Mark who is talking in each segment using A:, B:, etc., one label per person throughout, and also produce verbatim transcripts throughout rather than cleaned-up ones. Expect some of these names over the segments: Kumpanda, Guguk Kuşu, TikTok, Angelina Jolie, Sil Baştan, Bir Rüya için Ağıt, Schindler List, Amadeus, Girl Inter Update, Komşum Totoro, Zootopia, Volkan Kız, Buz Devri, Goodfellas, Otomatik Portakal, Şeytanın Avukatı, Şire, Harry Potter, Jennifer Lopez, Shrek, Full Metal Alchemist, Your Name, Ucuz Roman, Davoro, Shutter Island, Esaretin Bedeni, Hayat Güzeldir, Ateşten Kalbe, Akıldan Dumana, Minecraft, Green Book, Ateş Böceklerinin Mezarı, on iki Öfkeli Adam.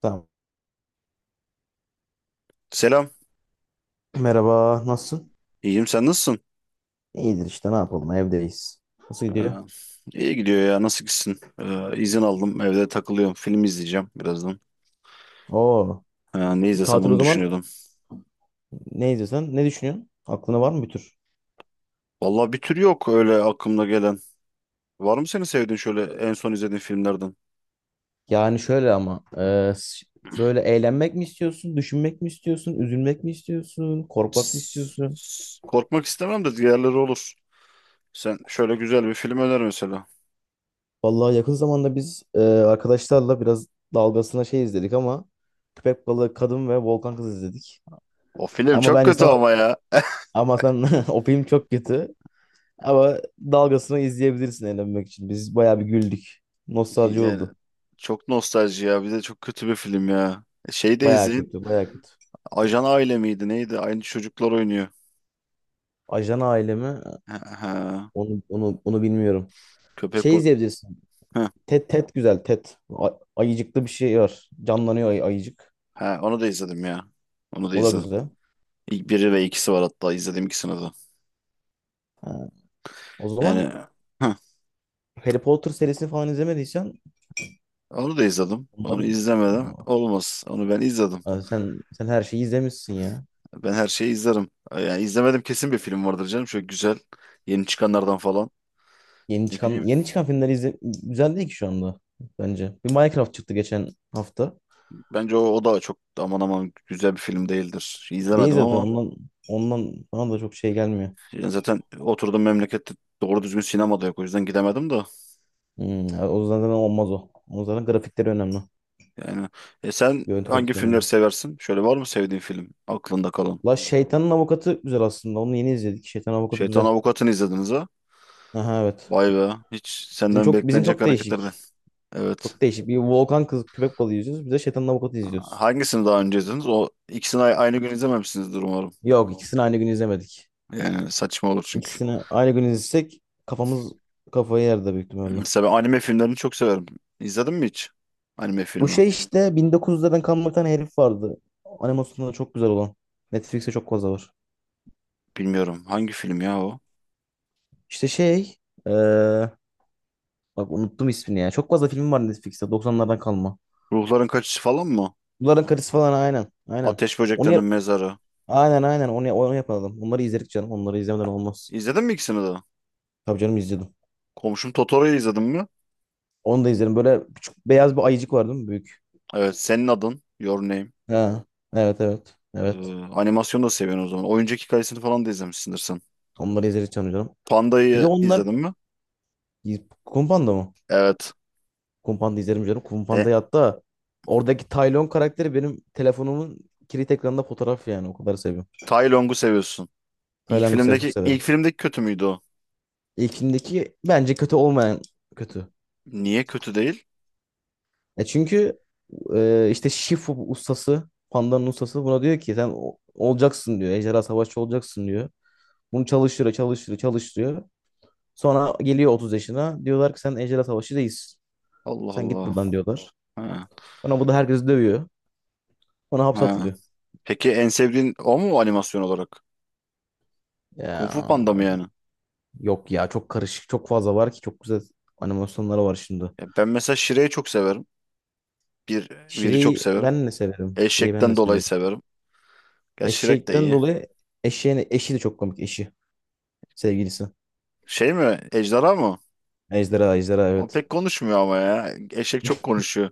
A: Tamam.
B: Selam.
A: Merhaba, nasılsın?
B: İyiyim, sen nasılsın?
A: İyidir işte, ne yapalım, evdeyiz. Nasıl
B: Ee,
A: gidiyor?
B: iyi gidiyor ya, nasıl gitsin? Ee, izin aldım, evde takılıyorum, film izleyeceğim birazdan.
A: Oo,
B: Ee, ne izlesem
A: tatil o
B: onu
A: zaman.
B: düşünüyordum.
A: Ne izliyorsun? Ne düşünüyorsun? Aklına var mı bir tür?
B: Vallahi bir tür yok öyle aklımda gelen. Var mı senin sevdiğin şöyle en son izlediğin filmlerden?
A: Yani şöyle ama, e, s- böyle eğlenmek mi istiyorsun, düşünmek mi istiyorsun, üzülmek mi istiyorsun, korkmak mı istiyorsun?
B: Tss, Korkmak istemem de diğerleri olur. Sen şöyle güzel bir film öner mesela.
A: Vallahi yakın zamanda biz e, arkadaşlarla biraz dalgasına şey izledik ama Köpek Balığı Kadın ve Volkan Kız izledik.
B: O film
A: Ama
B: çok
A: bence
B: kötü
A: sana
B: ama ya.
A: ama sen o film çok kötü. Ama dalgasını izleyebilirsin eğlenmek için. Biz bayağı bir güldük. Nostalji
B: Yani
A: oldu.
B: çok nostalji ya, bir de çok kötü bir film ya. Şey de
A: Bayağı
B: izleyin.
A: kötü, bayağı kötü.
B: Ajan Aile miydi neydi? Aynı çocuklar oynuyor.
A: Ajan ailemi
B: Ha, ha.
A: onu onu onu bilmiyorum.
B: Köpek
A: Şey izleyebilirsin.
B: Heh,
A: Ted Ted güzel Ted. A- ayıcıklı bir şey var. Canlanıyor ay- ayıcık.
B: ha, onu da izledim ya. Onu da
A: O da
B: izledim.
A: güzel.
B: İlk biri ve ikisi var, hatta izlediğim ikisini de.
A: Ha, o zaman
B: Yani heh,
A: Harry Potter serisini falan izlemediysen
B: onu da izledim. Onu
A: onları.
B: izlemedim. Olmaz. Onu ben izledim.
A: Aa, sen sen her şeyi izlemişsin ya.
B: Ben her şeyi izlerim. Yani izlemedim kesin bir film vardır canım. Şöyle güzel. Yeni çıkanlardan falan.
A: Yeni
B: Ne
A: çıkan
B: bileyim.
A: yeni çıkan filmler izle, güzel değil ki şu anda bence. Bir Minecraft çıktı geçen hafta.
B: Bence o, o da çok aman aman güzel bir film değildir.
A: Değil
B: İzlemedim
A: zaten,
B: ama
A: ondan ondan bana da çok şey gelmiyor.
B: yani zaten oturduğum memlekette doğru düzgün sinemada yok. O yüzden gidemedim de.
A: Hmm, o yüzden zaten olmaz o. O zaten grafikleri önemli.
B: Yani e sen
A: Görüntü
B: hangi
A: kalitesi
B: filmleri
A: önemli.
B: seversin? Şöyle var mı sevdiğin film aklında kalan?
A: La Şeytanın Avukatı güzel aslında. Onu yeni izledik. Şeytanın Avukatı
B: Şeytan
A: güzel.
B: Avukatı'nı izlediniz ha?
A: Aha evet.
B: Vay be. Hiç
A: Bizim
B: senden
A: çok bizim
B: beklenecek
A: çok
B: hareketlerden.
A: değişik.
B: Evet.
A: Çok değişik. Bir volkan kız köpek balığı izliyoruz. Bir de Şeytanın Avukatı izliyoruz.
B: Hangisini daha önce izlediniz? O ikisini a- aynı gün izlememişsinizdir umarım.
A: Yok, ikisini aynı gün izlemedik.
B: Yani saçma olur çünkü.
A: İkisini aynı gün izlesek kafamız kafayı yerde büyük ihtimalle.
B: Mesela ben anime filmlerini çok severim. İzledin mi hiç? Anime
A: Bu
B: filmi.
A: şey işte bin dokuz yüzlerden kalma bir tane herif vardı. Animasyonları çok güzel olan. Netflix'te çok fazla var.
B: Bilmiyorum. Hangi film ya o?
A: İşte şey ee, Bak unuttum ismini ya. Çok fazla film var Netflix'te doksanlardan kalma.
B: Ruhların Kaçışı falan mı?
A: Bunların karısı falan aynen. Aynen.
B: Ateş
A: Onu
B: Böceklerinin
A: yap
B: Mezarı.
A: aynen aynen onu, onu yapalım. Onları izledik canım. Onları izlemeden olmaz.
B: İzledin mi ikisini de?
A: Tabii canım, izledim.
B: Komşum Totoro'yu izledin mi?
A: Onu da izlerim. Böyle küçük beyaz bir ayıcık var değil mi? Büyük.
B: Evet. Senin adın. Your Name.
A: Ha. Evet evet.
B: Ee,
A: Evet.
B: Animasyonu da seviyorsun o zaman. Oyuncak hikayesini falan da izlemişsindir sen.
A: Onları izledik canım canım. Bir de
B: Panda'yı
A: onlar.
B: izledin mi?
A: Kumpanda mı?
B: Evet.
A: Kumpanda izlerim canım.
B: E,
A: Kumpanda'yı hatta oradaki Taylon karakteri benim telefonumun kilit ekranında fotoğraf yani. O kadar seviyorum.
B: Tai Long'u seviyorsun. İlk
A: Tayland'ı sev, çok
B: filmdeki ilk
A: severim.
B: filmdeki kötü müydü o?
A: İlkindeki bence kötü olmayan kötü.
B: Niye kötü değil?
A: E çünkü e, işte Shifu ustası, pandanın ustası buna diyor ki sen o- olacaksın diyor. Ejderha savaşçı olacaksın diyor. Bunu çalıştırıyor, çalıştırıyor, çalıştırıyor. Sonra geliyor otuz yaşına. Diyorlar ki sen ejderha savaşçı değilsin.
B: Allah
A: Sen git
B: Allah.
A: buradan diyorlar.
B: Ha,
A: Sonra bu da herkesi dövüyor. Sonra hapse
B: ha.
A: atılıyor.
B: Peki en sevdiğin o mu animasyon olarak? Kung Fu Panda mı
A: Ya
B: yani?
A: yok ya, çok karışık, çok fazla var ki çok güzel animasyonları var şimdi.
B: Ya ben mesela Shrek'i çok severim. Bir, biri çok
A: Şire'yi
B: severim.
A: ben de severim. Şire'yi ben de
B: Eşekten dolayı
A: severim.
B: severim. Gerçi Shrek de
A: Eşekten
B: iyi.
A: dolayı eşeğin eşi de çok komik, eşi. Sevgilisi.
B: Şey mi? Ejderha mı?
A: Ejderha, ejderha
B: O
A: evet.
B: pek konuşmuyor ama ya. Eşek çok konuşuyor.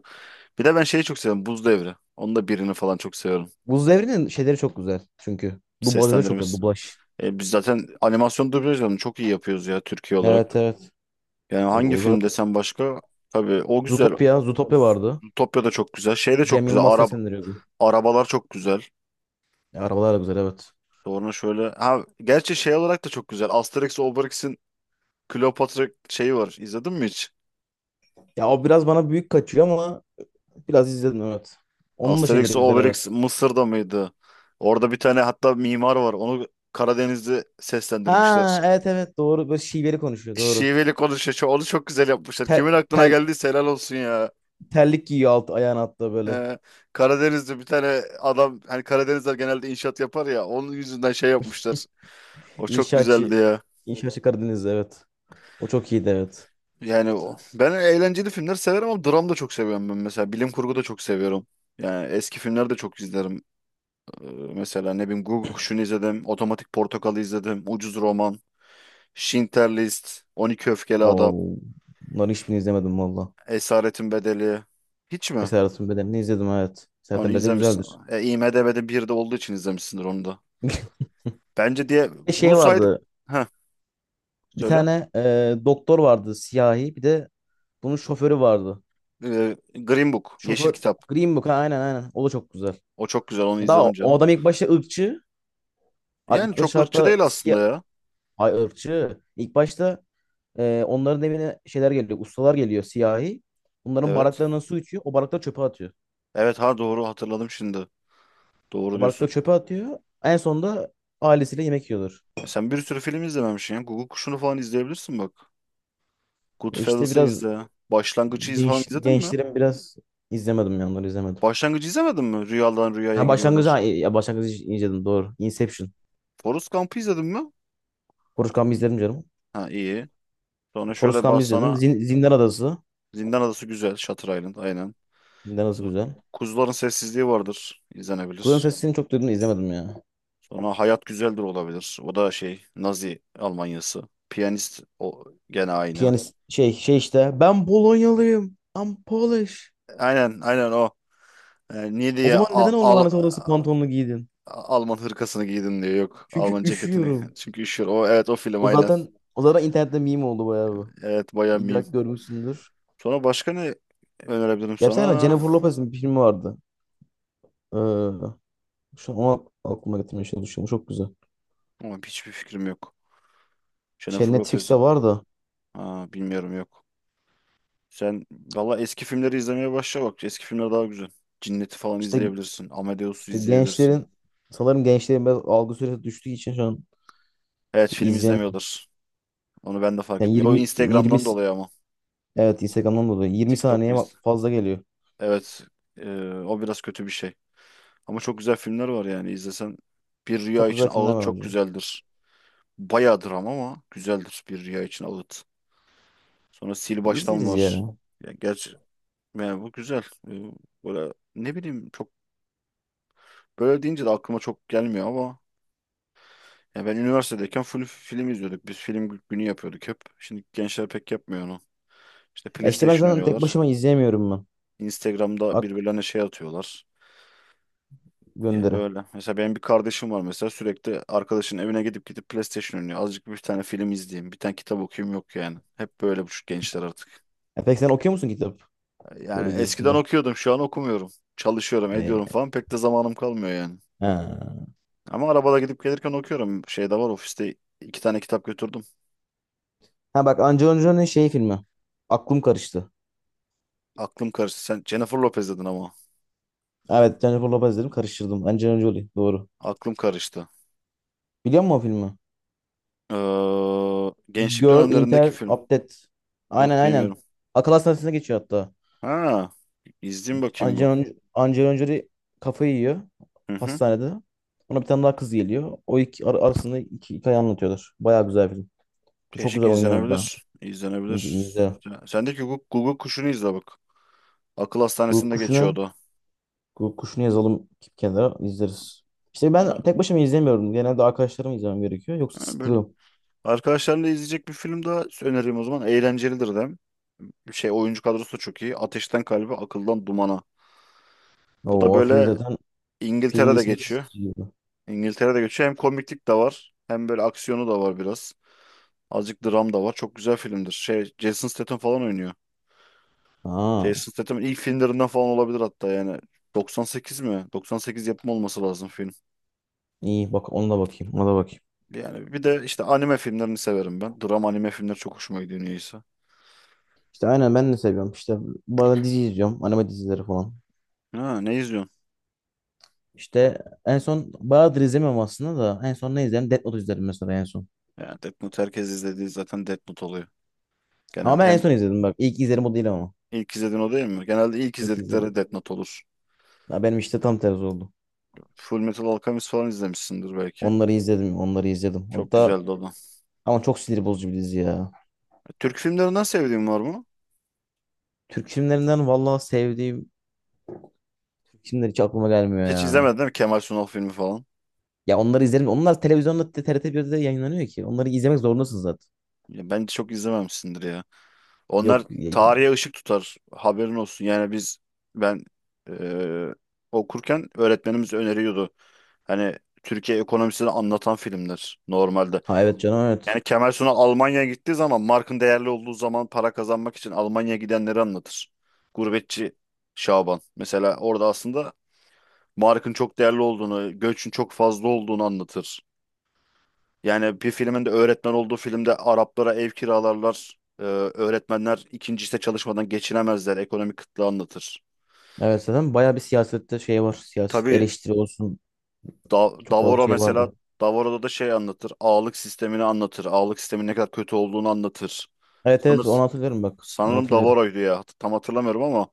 B: Bir de ben şeyi çok seviyorum. Buz Devri. Onun da birini falan çok seviyorum.
A: Buz Devri'nin şeyleri çok güzel çünkü. Dublajları çok güzel.
B: Seslendirmesi.
A: Dublaj.
B: E, biz zaten animasyon dublajlarını çok iyi yapıyoruz ya, Türkiye olarak.
A: Evet evet.
B: Yani
A: E,
B: hangi
A: O
B: film
A: zaten.
B: desem başka? Tabii o güzel.
A: Zootopia, Zootopia vardı.
B: Zootopia da çok güzel. Şey de çok
A: Cem
B: güzel.
A: Yılmaz
B: Arab
A: seslendiriyordu.
B: arabalar çok güzel.
A: Ya, arabalar da güzel evet.
B: Sonra şöyle, ha gerçi şey olarak da çok güzel, Asterix Obelix'in Kleopatra şeyi var. İzledin mi hiç?
A: Ya o biraz bana büyük kaçıyor ama biraz izledim evet. Onun da şeyleri
B: Asterix
A: güzel evet.
B: Obelix Mısır'da mıydı? Orada bir tane hatta mimar var. Onu Karadeniz'de seslendirmişler.
A: Ha evet evet doğru. Böyle şiveli konuşuyor, doğru.
B: Şiveli konuşuyor. Onu çok güzel yapmışlar.
A: Tel,
B: Kimin aklına
A: tel,
B: geldiyse helal olsun ya.
A: terlik giyiyor alt, ayağın altta böyle.
B: Ee, Karadeniz'de bir tane adam, hani Karadenizler genelde inşaat yapar ya, onun yüzünden şey yapmışlar. O çok güzeldi
A: İnşaatçı,
B: ya.
A: inşaatçı Karadeniz'de, evet. O çok iyiydi evet.
B: Yani o. Ben eğlenceli filmler severim ama dram da çok seviyorum ben mesela. Bilim kurgu da çok seviyorum. Yani eski filmler de çok izlerim. Ee, Mesela ne bileyim, Guguk Kuşu'nu izledim. Otomatik Portakal'ı izledim. Ucuz Roman. Schindler List. On iki Öfkeli Adam.
A: Oo, bunların hiçbirini izlemedim valla.
B: Esaretin Bedeli. Hiç mi?
A: Esaretin Bedeni'ni izledim evet.
B: Onu
A: Esaretin Bedeni
B: izlemişsin.
A: güzeldir.
B: E, IMDb'de bir de olduğu için izlemişsindir onu da. Bence diye
A: Bir
B: bu
A: şey
B: saydık.
A: vardı.
B: Heh,
A: Bir
B: Söyle.
A: tane e, doktor vardı siyahi. Bir de bunun şoförü vardı.
B: Ee, Green Book, Yeşil
A: Şoför
B: Kitap.
A: Green Book. Ha, aynen aynen. O da çok güzel.
B: O çok güzel, onu
A: Daha
B: izledim
A: o o
B: canım.
A: adam ilk başta ırkçı. Ha,
B: Yani
A: İlk
B: çok
A: başta
B: ırkçı
A: hatta
B: değil aslında
A: siyah.
B: ya.
A: Ay ırkçı. İlk başta e, onların evine şeyler geliyor. Ustalar geliyor siyahi. Bunların
B: Evet.
A: baraklarından su içiyor. O barakları çöpe atıyor.
B: Evet, ha, doğru hatırladım şimdi. Doğru
A: O
B: diyorsun.
A: barakları çöpe atıyor. En sonunda ailesiyle yemek yiyorlar.
B: E sen bir sürü film izlememişsin ya. Google Kuşu'nu falan izleyebilirsin bak.
A: E İşte
B: Goodfellas'ı
A: biraz
B: izle. Başlangıcı iz falan
A: genç,
B: izledin mi?
A: gençlerin biraz izlemedim ya, onları izlemedim.
B: Başlangıcı izlemedin mi? Rüyadan rüyaya
A: Ha başlangıcı,
B: giriyorlar.
A: ha, ya başlangıcı izledim, doğru. Inception.
B: Forrest Gump'ı izledin mi?
A: Forrest Gump'ı izledim canım.
B: Ha, iyi. Sonra
A: Forrest
B: şöyle
A: Gump'ı
B: bak
A: izledim.
B: sana,
A: Zin Zindan Adası.
B: Zindan Adası güzel. Shutter Island, aynen.
A: Zindan Adası
B: Sonra
A: güzel.
B: Kuzuların Sessizliği vardır.
A: Kur'an
B: İzlenebilir.
A: Sesini çok duydum da izlemedim ya.
B: Sonra Hayat Güzeldir olabilir. O da şey, Nazi Almanyası. Piyanist o gene aynı.
A: Piyanist şey şey işte. Ben Polonyalıyım. I'm Polish.
B: Aynen, aynen o. Ee, niye
A: O
B: diye
A: zaman
B: Al
A: neden o
B: Al-
A: lanet orası pantolonunu giydin?
B: Alman hırkasını giydin diyor. Yok,
A: Çünkü
B: Alman ceketini.
A: üşüyorum.
B: Çünkü üşüyor. O evet, o film
A: O
B: aynen.
A: zaten o zaten internette meme oldu bayağı bu.
B: Evet, bayağı meme.
A: İlla ki görmüşsündür.
B: Sonra başka ne önerebilirim
A: Ya bir tane
B: sana?
A: Jennifer Lopez'in bir filmi vardı. Ee, Şu an onu aklıma getirmeye çalışıyorum. Çok güzel.
B: Ama hiçbir fikrim yok.
A: Şey
B: Jennifer Lopez.
A: Netflix'te var da
B: Ha, bilmiyorum, yok. Sen valla eski filmleri izlemeye başla bak. Eski filmler daha güzel. Cinnet'i falan
A: işte
B: izleyebilirsin. Amadeus'u
A: işte
B: izleyebilirsin.
A: gençlerin, sanırım gençlerin biraz algı süresi düştüğü için şu an
B: Evet,
A: pek
B: film
A: İzleyemiyorum
B: izlemiyordur. Onu ben de fark
A: Yani
B: etmiyorum. O
A: yirmi 20
B: Instagram'dan
A: s-
B: dolayı ama.
A: evet, Instagram'dan dolayı yirmi
B: TikTok ve
A: saniye ma-
B: Inst-
A: fazla geliyor.
B: Evet. Ee, o biraz kötü bir şey. Ama çok güzel filmler var yani. İzlesen, Bir Rüya
A: Çok
B: için
A: güzel filmler
B: Ağıt
A: var
B: çok
A: hocam.
B: güzeldir. Bayağı dram ama güzeldir Bir Rüya için Ağıt. Sonra Sil
A: E,
B: Baştan
A: İzleriz
B: var.
A: ya.
B: Ya gerçi yani bu güzel. Ee, Böyle ne bileyim, çok böyle deyince de aklıma çok gelmiyor ama ya, ben üniversitedeyken full film izliyorduk. Biz film günü yapıyorduk hep. Şimdi gençler pek yapmıyor onu. İşte
A: E işte ben
B: PlayStation
A: zaten tek
B: oynuyorlar.
A: başıma izleyemiyorum ben.
B: Instagram'da
A: Bak
B: birbirlerine şey atıyorlar. Yani
A: gönderi.
B: öyle. Mesela benim bir kardeşim var mesela, sürekli arkadaşının evine gidip gidip PlayStation oynuyor. Azıcık bir tane film izleyeyim, bir tane kitap okuyayım yok yani. Hep böyle bu şu gençler artık.
A: E peki sen okuyor musun kitap?
B: Yani
A: Böyle diyorsun
B: eskiden
A: da.
B: okuyordum, şu an okumuyorum. Çalışıyorum,
A: E,
B: ediyorum falan, pek de zamanım kalmıyor yani.
A: ha.
B: Ama arabada gidip gelirken okuyorum. Şey de var, ofiste iki tane kitap götürdüm.
A: Ha bak, Angelina Jolie'nin şey filmi. Aklım karıştı.
B: Aklım karıştı. Sen Jennifer Lopez dedin ama.
A: Evet, Jennifer Lopez dedim, karıştırdım. Angelina Jolie doğru.
B: Aklım karıştı.
A: Biliyor musun o filmi?
B: Ee, gençlik
A: Girl
B: dönemlerindeki
A: Inter
B: film.
A: Update. Aynen
B: Yok, bilmiyorum.
A: aynen. Akıl hastanesine geçiyor hatta.
B: Ha, izleyeyim bakayım bu.
A: Angelina Angelina Jolie kafayı yiyor
B: Hı hı.
A: hastanede. Ona bir tane daha kız geliyor. O iki ar- arasında iki hikaye anlatıyorlar. Bayağı güzel film. Çok
B: Teşvik
A: güzel oynuyor bir daha.
B: izlenebilir.
A: İnce, iyi,
B: İzlenebilir.
A: güzel.
B: Ya, Sendeki Guguk, Google kuşunu izle bak. Akıl
A: Guguk
B: hastanesinde
A: Kuşu'nu
B: geçiyordu.
A: Guguk Kuşu'nu yazalım bir kenara, izleriz. İşte
B: Sonra,
A: ben tek başıma izlemiyorum. Genelde arkadaşlarımla izlemem gerekiyor. Yoksa
B: ha, böyle
A: sıkılıyorum.
B: arkadaşlarla izleyecek bir film daha önereyim o zaman. Eğlencelidir de. Şey, oyuncu kadrosu da çok iyi. Ateşten Kalbe, Akıldan Dumana. Bu da
A: Oo film
B: böyle
A: zaten, filmin
B: İngiltere'de
A: ismi
B: geçiyor.
A: sıkıcı gibi.
B: İngiltere'de geçiyor. Hem komiklik de var. Hem böyle aksiyonu da var biraz. Azıcık dram da var. Çok güzel filmdir. Şey, Jason Statham falan oynuyor.
A: Aa,
B: Jason Statham'ın ilk filmlerinden falan olabilir hatta yani. doksan sekiz mi? doksan sekiz yapımı olması lazım film.
A: iyi, bak ona da bakayım. Ona da bakayım.
B: Yani bir de işte anime filmlerini severim ben. Drama anime filmleri çok hoşuma gidiyor niyeyse.
A: İşte aynen, ben de seviyorum. İşte bazen dizi izliyorum. Anime dizileri falan.
B: Ha, ne izliyorsun?
A: İşte en son bayağıdır izlemiyorum aslında da. En son ne izledim? Death Note izledim mesela en son.
B: Yani Death Note, herkes izlediği zaten Death Note oluyor.
A: Ama
B: Genelde
A: ben en
B: hem
A: son izledim bak. İlk izlerim o değil ama.
B: ilk izlediğin o değil mi? Genelde ilk
A: İlk
B: izledikleri
A: izledim.
B: Death Note olur.
A: Ya benim işte tam tersi oldu.
B: Full Metal Alchemist falan izlemişsindir belki.
A: Onları izledim, onları izledim.
B: Çok
A: Hatta
B: güzeldi o da.
A: ama çok sinir bozucu bir dizi ya.
B: Türk filmlerinden sevdiğin var mı?
A: Türk filmlerinden vallahi sevdiğim Türk filmler hiç aklıma gelmiyor
B: Hiç
A: ya.
B: izlemedin değil mi? Kemal Sunal filmi falan.
A: Ya onları izlerim. Onlar televizyonda T R T bir'de yayınlanıyor ki. Onları izlemek zorundasın zaten.
B: Ya bence çok izlememişsindir ya. Onlar
A: Yok. ya-.
B: tarihe ışık tutar. Haberin olsun. Yani biz, ben eee, okurken öğretmenimiz öneriyordu. Hani Türkiye ekonomisini anlatan filmler normalde.
A: Ha evet canım, evet.
B: Yani Kemal Sunal Almanya'ya gittiği zaman, markın değerli olduğu zaman, para kazanmak için Almanya'ya gidenleri anlatır. Gurbetçi Şaban. Mesela orada aslında markın çok değerli olduğunu, göçün çok fazla olduğunu anlatır. Yani bir filmin de öğretmen olduğu filmde Araplara ev kiralarlar. Ee, öğretmenler ikinci işte çalışmadan geçinemezler. Ekonomik kıtlığı anlatır.
A: Evet zaten bayağı bir siyasette şey var. Siyaset
B: Tabii.
A: eleştiri olsun.
B: Da-
A: Çok fazla
B: Davoro
A: şey
B: mesela,
A: vardı.
B: Davoro'da da şey anlatır. Ağalık sistemini anlatır. Ağalık sistemin ne kadar kötü olduğunu anlatır.
A: Evet evet
B: Sanır,
A: onu hatırlıyorum bak. Onu
B: sanırım
A: hatırlıyorum.
B: Davoro'ydu ya. Hat- Tam hatırlamıyorum ama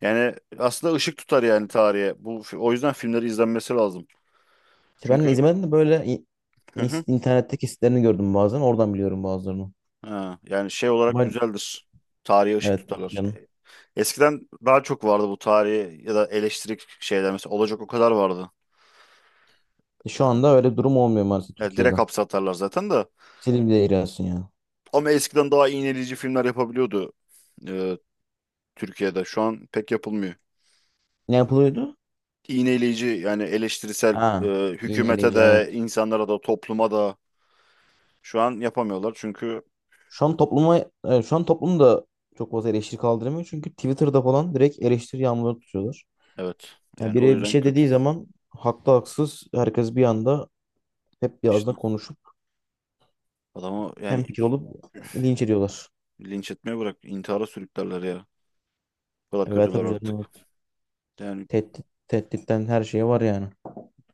B: yani aslında ışık tutar yani tarihe. Bu fi- o yüzden filmleri izlenmesi lazım.
A: İşte ben de
B: Çünkü,
A: izlemedim de böyle in-
B: hı
A: in-
B: hı,
A: internetteki sitelerini gördüm bazen. Oradan biliyorum bazılarını.
B: ha, yani şey olarak
A: Ama
B: güzeldir. Tarihe ışık
A: evet
B: tutarlar.
A: canım.
B: Eskiden daha çok vardı bu tarihi ya da eleştirik şeyler mesela, olacak o kadar vardı.
A: E, Şu anda öyle bir durum olmuyor maalesef
B: Yani
A: Türkiye'de.
B: direkt hapse atarlar zaten de.
A: Silip de ilerliyorsun yani.
B: Ama eskiden daha iğneleyici filmler yapabiliyordu e, Türkiye'de. Şu an pek yapılmıyor.
A: Ne yapılıyordu?
B: İğneleyici yani eleştirisel,
A: Ha.
B: e, hükümete
A: İğneleyici evet.
B: de, insanlara da, topluma da şu an yapamıyorlar. Çünkü
A: Şu an topluma, evet, şu an toplum da çok fazla eleştiri kaldıramıyor. Çünkü Twitter'da falan direkt eleştiri yağmurları tutuyorlar.
B: evet,
A: Yani
B: yani o
A: biri bir
B: yüzden
A: şey
B: kötü.
A: dediği zaman haklı haksız herkes bir anda hep bir
B: İşte
A: ağızdan konuşup
B: adamı
A: hem
B: yani
A: fikir olup linç ediyorlar.
B: linç etmeye bırak, intihara sürüklerler ya. O kadar
A: Evet
B: kötüler
A: tabii
B: artık.
A: canım, evet.
B: Yani
A: Tehdit, tehditten her şeye var yani.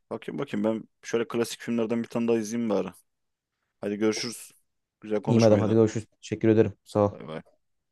B: bakayım bakayım, ben şöyle klasik filmlerden bir tane daha izleyeyim bari. Hadi görüşürüz. Güzel
A: İyi madem, hadi
B: konuşmaydı.
A: görüşürüz. Teşekkür ederim. Sağ ol.
B: Bay bay.